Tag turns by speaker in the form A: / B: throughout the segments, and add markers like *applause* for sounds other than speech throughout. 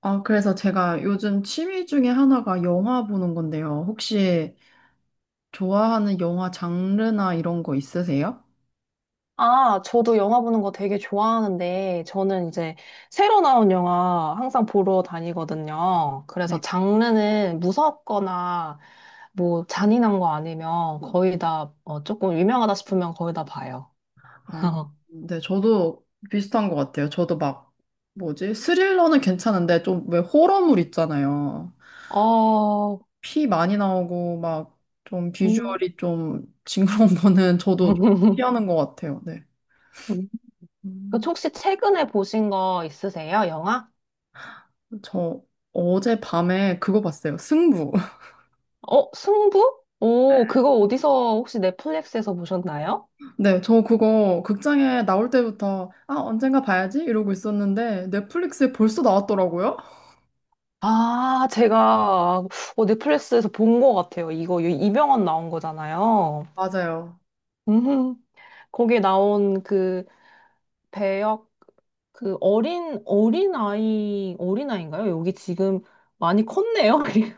A: 아, 그래서 제가 요즘 취미 중에 하나가 영화 보는 건데요. 혹시 좋아하는 영화 장르나 이런 거 있으세요?
B: 아, 저도 영화 보는 거 되게 좋아하는데, 저는 이제 새로 나온 영화 항상 보러 다니거든요. 그래서
A: 네.
B: 장르는 무섭거나 뭐 잔인한 거 아니면 거의 다, 어, 조금 유명하다 싶으면 거의 다 봐요.
A: 아,
B: *laughs*
A: 네, 저도 비슷한 것 같아요. 저도 막, 뭐지? 스릴러는 괜찮은데, 좀 왜 호러물 있잖아요.
B: 어,
A: 피 많이 나오고, 막, 좀
B: 음.
A: 비주얼이 좀 *laughs* 징그러운 거는 저도
B: *laughs*
A: 피하는 것 같아요. 네.
B: 그
A: 음,
B: 혹시 최근에 보신 거 있으세요? 영화?
A: 저 어제 밤에 그거 봤어요. 승부.
B: 어, 승부? 오, 그거 어디서 혹시 넷플릭스에서 보셨나요?
A: 네, 저 그거 극장에 나올 때부터 아, 언젠가 봐야지 이러고 있었는데 넷플릭스에 벌써 나왔더라고요.
B: 아, 제가 어, 넷플릭스에서 본 것 같아요. 이거 이병헌 나온 거잖아요.
A: 맞아요.
B: 음, 거기에 나온 그 배역 그 어린 아이 어린 아이인가요? 여기 지금 많이 컸네요. *laughs* 그리고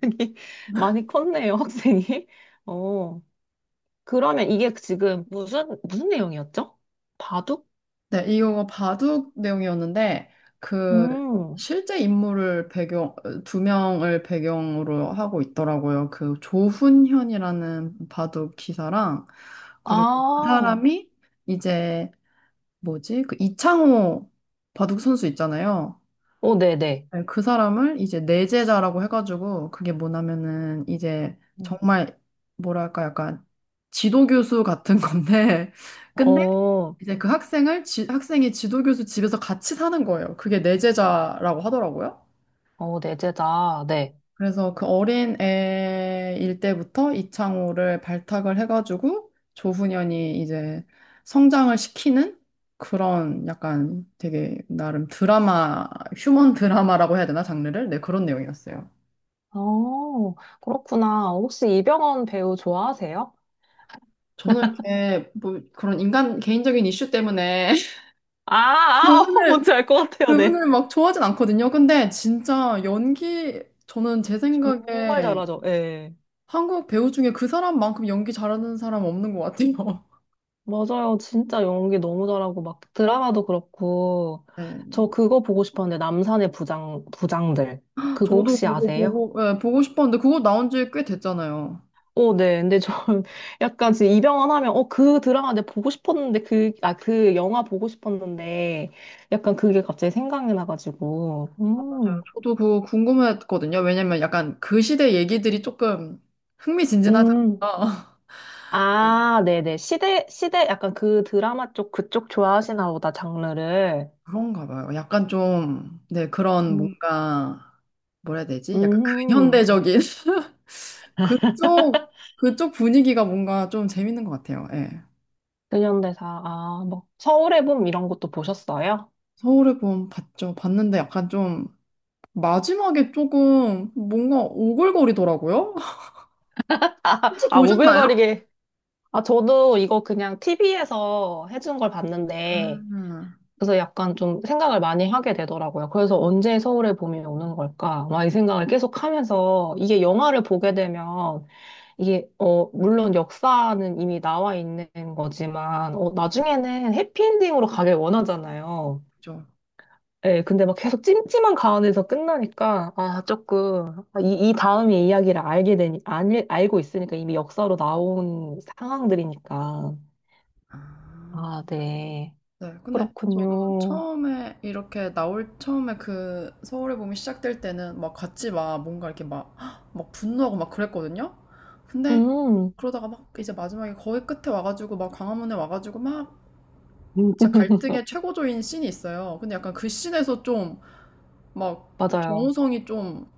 B: 학생이 많이 컸네요, 학생이. 어, 그러면 이게 지금 무슨 내용이었죠? 바둑?
A: 네, 이거 바둑 내용이었는데 그
B: 음,
A: 실제 인물을 배경 두 명을 배경으로 하고 있더라고요. 그 조훈현이라는 바둑 기사랑 그리고 그
B: 아,
A: 사람이 이제 뭐지? 그 이창호 바둑 선수 있잖아요.
B: 오, 네네.
A: 네, 그 사람을 이제 내제자라고 해가지고 그게 뭐냐면은 이제 정말 뭐랄까 약간 지도교수 같은 건데 *laughs* 근데
B: 어,
A: 이제 학생이 지도교수 집에서 같이 사는 거예요. 그게 내제자라고 하더라고요.
B: 어, 내재다. 네.
A: 그래서 그 어린 애일 때부터 이창호를 발탁을 해가지고 조훈현이 이제 성장을 시키는 그런 약간 되게 나름 드라마, 휴먼 드라마라고 해야 되나 장르를? 네, 그런 내용이었어요.
B: 어, 그렇구나. 혹시 이병헌 배우 좋아하세요?
A: 저는 이렇게 뭐 그런 인간 개인적인 이슈 때문에 *laughs*
B: 아, 아, *laughs*
A: 그분을,
B: 뭔지 알 것 같아요, 네.
A: 그분을 막 좋아하진 않거든요. 근데 진짜 연기, 저는 제
B: 정말
A: 생각에
B: 잘하죠, 예.
A: 한국 배우 중에 그 사람만큼 연기 잘하는 사람 없는 것 같아요. *laughs*
B: 맞아요. 진짜 연기 너무 잘하고, 막 드라마도 그렇고.
A: 네,
B: 저 그거 보고 싶었는데, 남산의 부장, 부장들. 그거
A: 저도
B: 혹시
A: 그거
B: 아세요?
A: 보고, 예, 보고 싶었는데 그거 나온 지 꽤 됐잖아요.
B: 오, 네. 근데 저 *laughs* 약간 지금 이병헌 하면, 어, 그 드라마 내가 보고 싶었는데, 그, 아, 그 영화 보고 싶었는데, 약간 그게 갑자기 생각이 나가지고.
A: 아,
B: 음.
A: 맞아요. 저도 그거 궁금했거든요. 왜냐면 약간 그 시대 얘기들이 조금 흥미진진하잖아요.
B: 음.
A: *laughs*
B: 아, 네네. 시대, 시대, 약간 그 드라마 쪽, 그쪽 좋아하시나 보다, 장르를.
A: 그런가 봐요. 약간 좀, 네, 그런
B: 음.
A: 뭔가 뭐라 해야 되지? 약간
B: 음,
A: 근현대적인 *laughs* 그쪽 그쪽 분위기가 뭔가 좀 재밌는 것 같아요. 예.
B: 근현대사. 아, 뭐, 서울의 봄 이런 것도 보셨어요?
A: 서울의 봄 봤죠. 봤는데 약간 좀 마지막에 조금 뭔가 오글거리더라고요. *laughs* 혹시
B: 아,
A: 보셨나요?
B: 오글거리게. 아, 저도 이거 그냥 TV에서 해준 걸 봤는데,
A: 아,
B: 그래서 약간 좀 생각을 많이 하게 되더라고요. 그래서 언제 서울의 봄이 오는 걸까? 막 이 생각을 계속 하면서, 이게 영화를 보게 되면 이게, 어, 물론 역사는 이미 나와 있는 거지만, 어, 나중에는 해피엔딩으로 가길 원하잖아요.
A: 그죠.
B: 예, 근데 막 계속 찜찜한 가운데서 끝나니까, 아, 조금, 아, 이, 이 다음의 이야기를 알게 되니, 알, 알고 있으니까 이미 역사로 나온 상황들이니까.
A: 아.
B: 아, 네.
A: 네, 근데 저도
B: 그렇군요.
A: 처음에 이렇게 나올 처음에 그 서울의 봄이 시작될 때는 막 같이 막 뭔가 이렇게 막, 헉, 막 분노하고 막 그랬거든요. 근데
B: 음,
A: 그러다가 막 이제 마지막에 거의 끝에 와가지고 막 광화문에 와가지고 막 진짜
B: *laughs*
A: 갈등의 최고조인 씬이 있어요. 근데 약간 그 씬에서 좀 막
B: 맞아요.
A: 정우성이 좀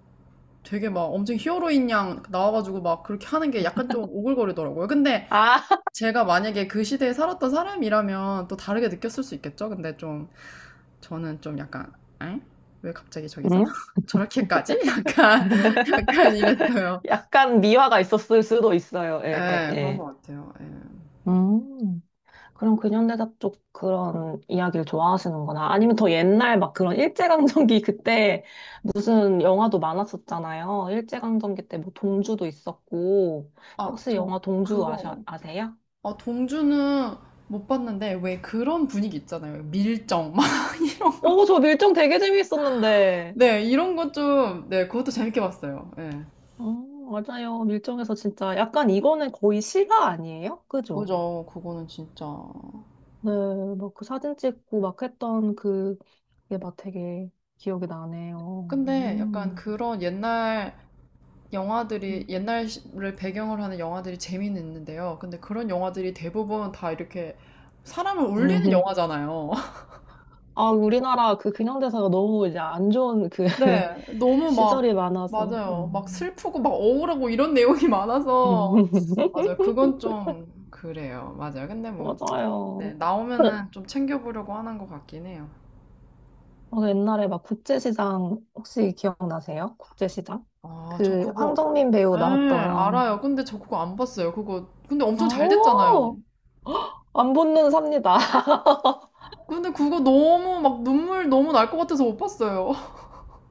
A: 되게 막 엄청 히어로인 양 나와가지고 막 그렇게 하는 게 약간 좀 오글거리더라고요. 근데
B: 아,
A: 제가 만약에 그 시대에 살았던 사람이라면 또 다르게 느꼈을 수 있겠죠? 근데 좀 저는 좀 약간 엥? 왜 갑자기
B: *laughs*
A: 저기서?
B: 음?
A: *laughs* 저렇게까지? 약간 *laughs* 약간 이랬어요.
B: 약간 미화가 있었을 수도 있어요. 예, 예,
A: 예, 그런
B: 예.
A: 것 같아요. 예.
B: 음. 그럼 근현대사 쪽 그런 이야기를 좋아하시는구나. 아니면 더 옛날 막 그런 일제강점기 *laughs* 그때 무슨 영화도 많았었잖아요. 일제강점기 때 뭐 동주도 있었고.
A: 아,
B: 혹시
A: 저
B: 영화 동주 아셔,
A: 그거.
B: 아세요?
A: 아, 동주는 못 봤는데 왜 그런 분위기 있잖아요. 밀정 막 *laughs* 이런 거.
B: 오, 저 밀정 되게 재밌었는데.
A: 네, 이런 것 좀, 네, 그것도 재밌게 봤어요. 예.
B: 어, 맞아요. 밀정에서 진짜 약간 이거는 거의 실화 아니에요? 그죠?
A: 그죠, 그거는 진짜.
B: 네, 막 그 사진 찍고 막 했던 그, 그게 막 되게 기억이 나네요.
A: 근데 약간
B: 음.
A: 그런 옛날을 배경으로 하는 영화들이 재미는 있는데요. 근데 그런 영화들이 대부분 다 이렇게 사람을 울리는
B: 음.
A: 영화잖아요. *laughs*
B: 아, 우리나라 그 근현대사가 너무 이제 안 좋은 그 *laughs*
A: 네, 너무
B: 시절이
A: 막,
B: 많아서.
A: 맞아요. 막
B: 음.
A: 슬프고 막 억울하고 이런 내용이 많아서.
B: *laughs*
A: 맞아요. 그건 좀 그래요. 맞아요. 근데 뭐, 네,
B: 맞아요.
A: 나오면은 좀 챙겨보려고 하는 것 같긴 해요.
B: 어, 옛날에 막 국제시장 혹시 기억나세요? 국제시장?
A: 아, 저
B: 그
A: 그거,
B: 황정민 배우
A: 예,
B: 나왔던
A: 알아요. 근데 저 그거 안 봤어요. 그거, 근데 엄청 잘
B: 어,
A: 됐잖아요.
B: 안 붙는 삽니다. *laughs*
A: 근데 그거 너무 막 눈물 너무 날 것 같아서 못 봤어요. *laughs*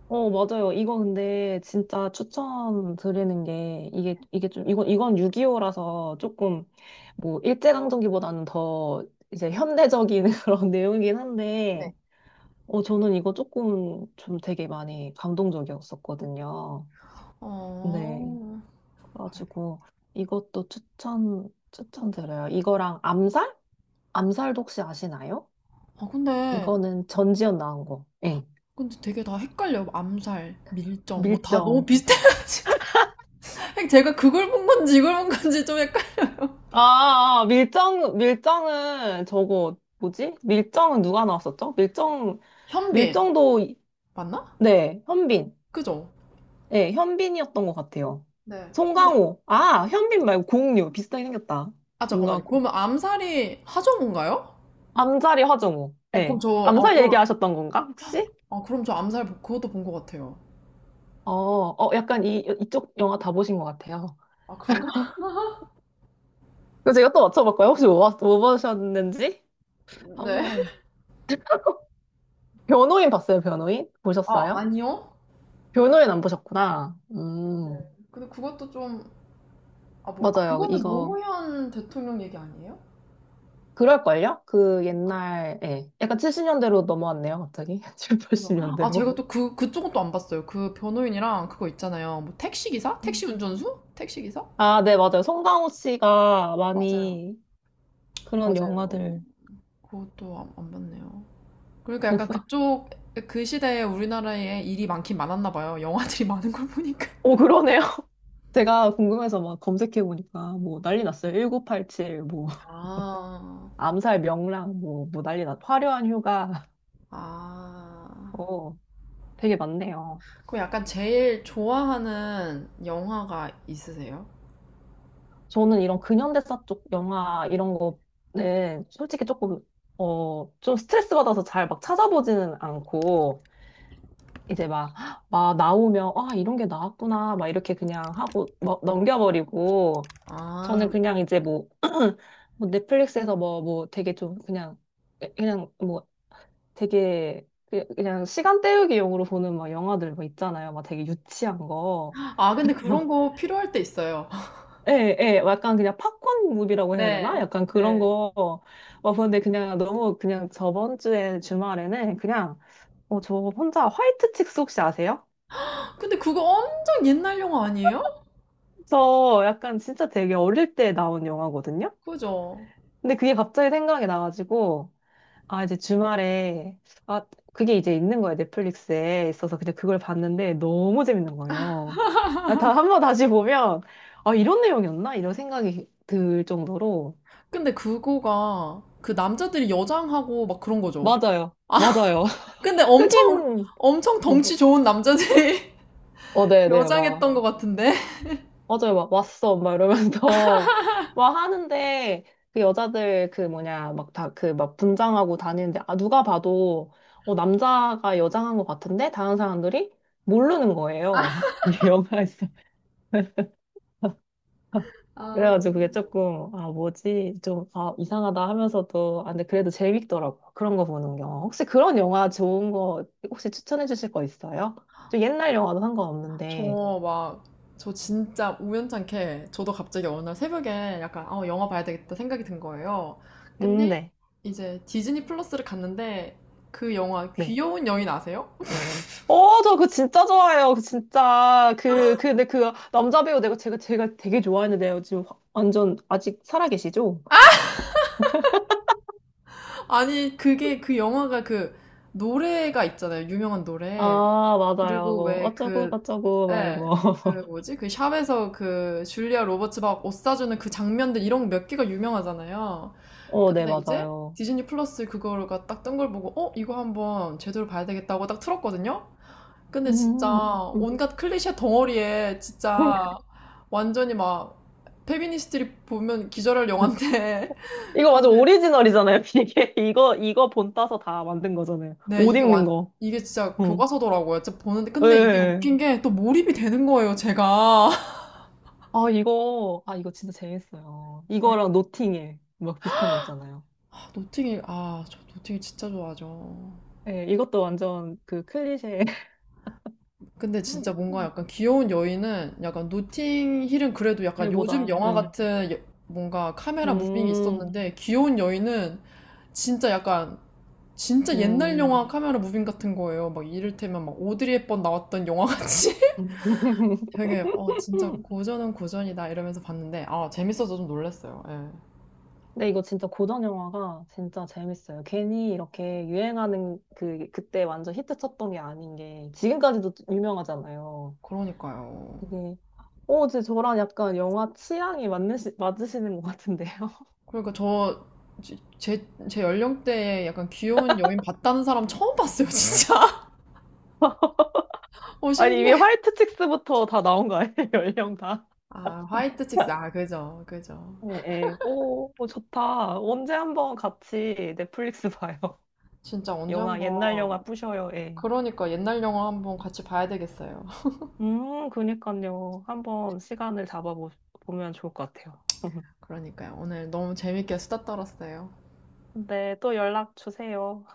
B: 어, 맞아요. 이거 근데 진짜 추천드리는 게 이게 좀 이건 6.25라서 조금 뭐 일제강점기보다는 더 이제 현대적인 *laughs* 그런 내용이긴
A: 네.
B: 한데 어, 저는 이거 조금 좀 되게 많이 감동적이었었거든요.
A: 아,
B: 네. 그래가지고 이것도 추천드려요. 이거랑 암살? 암살도 혹시 아시나요?
A: 아 근데
B: 이거는 전지현 나온 거. 예.
A: 근데 되게 다 헷갈려요. 암살, 밀정 뭐 다 너무
B: 밀정.
A: 비슷해가지고 *laughs* 제가 그걸 본 건지 이걸 본 건지 좀 헷갈.
B: 아, 아, 아. 밀정, 밀정은 저거, 뭐지? 밀정은 누가 나왔었죠? 밀정,
A: 현빈
B: 밀정도, 이-
A: 맞나?
B: 네, 현빈.
A: 그죠?
B: 네 현빈이었던 것 같아요.
A: 네. 근데
B: 송강호. 아, 현빈 말고 공유. 비슷하게 생겼다.
A: 아
B: 뭔가
A: 잠깐만요. 그러면 암살이 하정우인가요?
B: 암살이 화정우.
A: 어 그럼
B: 예.
A: 저 아
B: 암살
A: 그럼
B: 얘기하셨던 건가, 혹시?
A: 아 그럼 저 그것도 본 것 같아요.
B: 어, 어, 약간 이, 이쪽 영화 다 보신 것 같아요.
A: 아 그런가?
B: 그래서 제가 또 맞춰볼까요? 혹시 뭐, 봤- 뭐 보셨는지?
A: *laughs* 네.
B: 한번. 변호인 봤어요, 변호인?
A: 아
B: 보셨어요?
A: 아니요.
B: 변호인 안 보셨구나.
A: 네. 근데 그것도 좀 아 뭘 아
B: 맞아요.
A: 그거는
B: 이거,
A: 노무현 대통령 얘기 아니에요?
B: 그럴걸요? 그 옛날, 예. 약간 70년대로 넘어왔네요, 갑자기. *laughs* 70,
A: 아, 제가
B: 80년대로.
A: 또 그, 그쪽은 또 안 봤어요. 그 변호인이랑 그거 있잖아요. 뭐 택시기사? 택시 운전수? 택시기사?
B: 아, 네, 맞아요. 송강호 씨가
A: 맞아요.
B: 많이 그런
A: 맞아요.
B: 영화들.
A: 그것도 안, 안 봤네요. 그러니까 약간
B: *laughs*
A: 그쪽, 그 시대에 우리나라에 일이 많긴 많았나 봐요. 영화들이 *laughs* 많은 걸 보니까.
B: 오, 그러네요. 제가 궁금해서 막 검색해보니까 뭐 난리 났어요. 1987, 뭐, *laughs*
A: 아,
B: 암살 명랑, 뭐, 뭐 난리 났, 화려한 휴가. *laughs*
A: 아.
B: 어, 되게 많네요.
A: 그럼 약간 제일 좋아하는 영화가 있으세요?
B: 저는 이런 근현대사 쪽 영화 이런 거는 솔직히 조금, 어, 좀 스트레스 받아서 잘 막 찾아보지는 않고, 이제 막, *gasps* 막 나오면, 아, 이런 게 나왔구나, 막 이렇게 그냥 하고, 막 넘겨버리고,
A: 아,
B: 저는 그냥 이제 뭐, 뭐 넷플릭스에서 뭐, 뭐 되게 좀 그냥, 그냥 뭐 되게 그- 그냥 시간 때우기용으로 보는 막 영화들 뭐 있잖아요. 막 되게 유치한 거.
A: 아, 근데 그런
B: *laughs*
A: 거 필요할 때 있어요. *laughs*
B: 예, 예, 약간 그냥 팝콘 무비라고 해야 되나?
A: 네,
B: 약간 그런
A: 네.
B: 거. 어, 근데 그냥 너무 그냥 저번 주에 주말에는 그냥, 어, 저 혼자 화이트 칙스 혹시 아세요?
A: 근데 그거 엄청 옛날 영화 아니에요?
B: 저 약간 진짜 되게 어릴 때 나온 영화거든요?
A: 그죠?
B: 근데 그게 갑자기 생각이 나가지고, 아, 이제 주말에, 아, 그게 이제 있는 거예요. 넷플릭스에 있어서 그냥 그걸 봤는데 너무 재밌는 거예요. 아,
A: *laughs*
B: 다, 한번 다시 보면, 아, 이런 내용이었나? 이런 생각이 들 정도로.
A: 근데 그거가 그 남자들이 여장하고 막 그런 거죠.
B: 맞아요.
A: 아,
B: 맞아요.
A: 근데
B: *laughs* 흑인,
A: 엄청
B: 어,
A: 덩치 좋은 남자들이 *laughs*
B: 어, 네네, 막,
A: 여장했던 것 같은데?
B: 맞아요, 막, 왔어, 막 이러면서, *laughs* 막 하는데, 그 여자들, 그 뭐냐, 막 다, 그 막 분장하고 다니는데, 아, 누가 봐도, 어, 남자가 여장한 것 같은데? 다른 사람들이? 모르는 거예요. *laughs* 이 영화에서.
A: 아,
B: 그래가지고 그게 조금, 아, 뭐지? 좀, 아, 이상하다 하면서도, 아, 근데 그래도 재밌더라고 그런 거 보는 게. 혹시 그런 영화 좋은 거, 혹시 추천해 주실 거 있어요? 좀 옛날 영화도
A: 저
B: 상관없는데.
A: 막, 저 진짜 우연찮게 저도 갑자기 어느 날 새벽에 약간, 영화 봐야 되겠다 생각이 든 거예요. 근데
B: 네.
A: 이제 디즈니 플러스를 갔는데 그 영화
B: 네.
A: 귀여운 여인 아세요?
B: 어, 저 그거 진짜 좋아해요. 그 진짜. 그, 그, 근데 그 남자 배우 내가 제가, 제가 되게 좋아하는데요. 지금 확- 완전 아직 살아계시죠?
A: 아니, 그게 그 영화가 그 노래가 있잖아요. 유명한 노래.
B: 아, 맞아요.
A: 그리고
B: 뭐,
A: 왜
B: 어쩌고
A: 그,
B: 저쩌고,
A: 네.
B: 막 이런
A: 예,
B: 거.
A: 그
B: *laughs*
A: 뭐지? 그 샵에서 그 줄리아 로버츠 막 옷 사주는 그 장면들 이런 몇 개가 유명하잖아요.
B: 어, 네,
A: 근데 이제
B: 맞아요.
A: 디즈니 플러스 그거가 딱 뜬 걸 보고, 어? 이거 한번 제대로 봐야 되겠다고 딱 틀었거든요? 근데 진짜
B: 음. 음.
A: 온갖 클리셰 덩어리에 진짜
B: *laughs*
A: 완전히 막 페미니스트들이 보면 기절할 영화인데. *laughs*
B: 이거 완전
A: 근데
B: 오리지널이잖아요, 이게. *laughs* 이거, 이거 본 따서 다 만든 거잖아요.
A: 네,
B: 옷
A: 이게
B: 입는
A: 완,
B: 거.
A: 이게 진짜
B: 응.
A: 교과서더라고요. 진짜 보는데. 근데 이게
B: 예.
A: 웃긴 게 또 몰입이 되는 거예요, 제가.
B: 아, 이거, 아, 이거 진짜 재밌어요. 이거랑
A: *laughs*
B: 노팅에 막 비슷한 거 있잖아요.
A: 아, 노팅힐, 아, 저 노팅힐 진짜 좋아하죠.
B: 예, 이것도 완전 그 클리셰.
A: 근데 진짜 뭔가 약간
B: *laughs*
A: 귀여운 여인은 약간 노팅힐은 그래도 약간 요즘
B: 일보다,
A: 영화
B: 응.
A: 같은 여- 뭔가 카메라 무빙이
B: 음,
A: 있었는데 귀여운 여인은 진짜 약간 진짜 옛날
B: 음.
A: 영화 카메라 무빙 같은 거예요. 막 이를테면 막 오드리 헵번 나왔던 영화 같이 *laughs*
B: *laughs*
A: 되게 어 진짜 고전은 고전이다 이러면서 봤는데 아 재밌어서 좀 놀랐어요. 예.
B: 근데 이거 진짜 고전 영화가 진짜 재밌어요. 괜히 이렇게 유행하는 그, 그때 완전 히트 쳤던 게 아닌 게 지금까지도 유명하잖아요.
A: 그러니까요.
B: 되게 오, 제 저랑 약간 영화 취향이 맞으시는 것 같은데요. *laughs*
A: 그러니까 저, 제 연령대에 약간 귀여운 여인 봤다는 사람 처음 봤어요, 진짜. *laughs* 어,
B: 아니, 이미
A: 신기해.
B: 화이트 칙스부터 다 나온 거 아니에요? *laughs* 연령 다.
A: 아, 화이트 칙스. 아,
B: *laughs*
A: 그죠.
B: 네, 네. 오, 오, 좋다. 언제 한번 같이 넷플릭스 봐요.
A: 진짜
B: *laughs*
A: 언제
B: 영화, 옛날 영화
A: 한번,
B: 뿌셔요. 예.
A: 그러니까 옛날 영화 한번 같이 봐야 되겠어요. *laughs*
B: 그니까요. 한번 시간을 잡아보면 좋을 것 같아요. *laughs*
A: 그러니까요. 오늘 너무 재밌게 수다 떨었어요.
B: 네, 또 연락 주세요.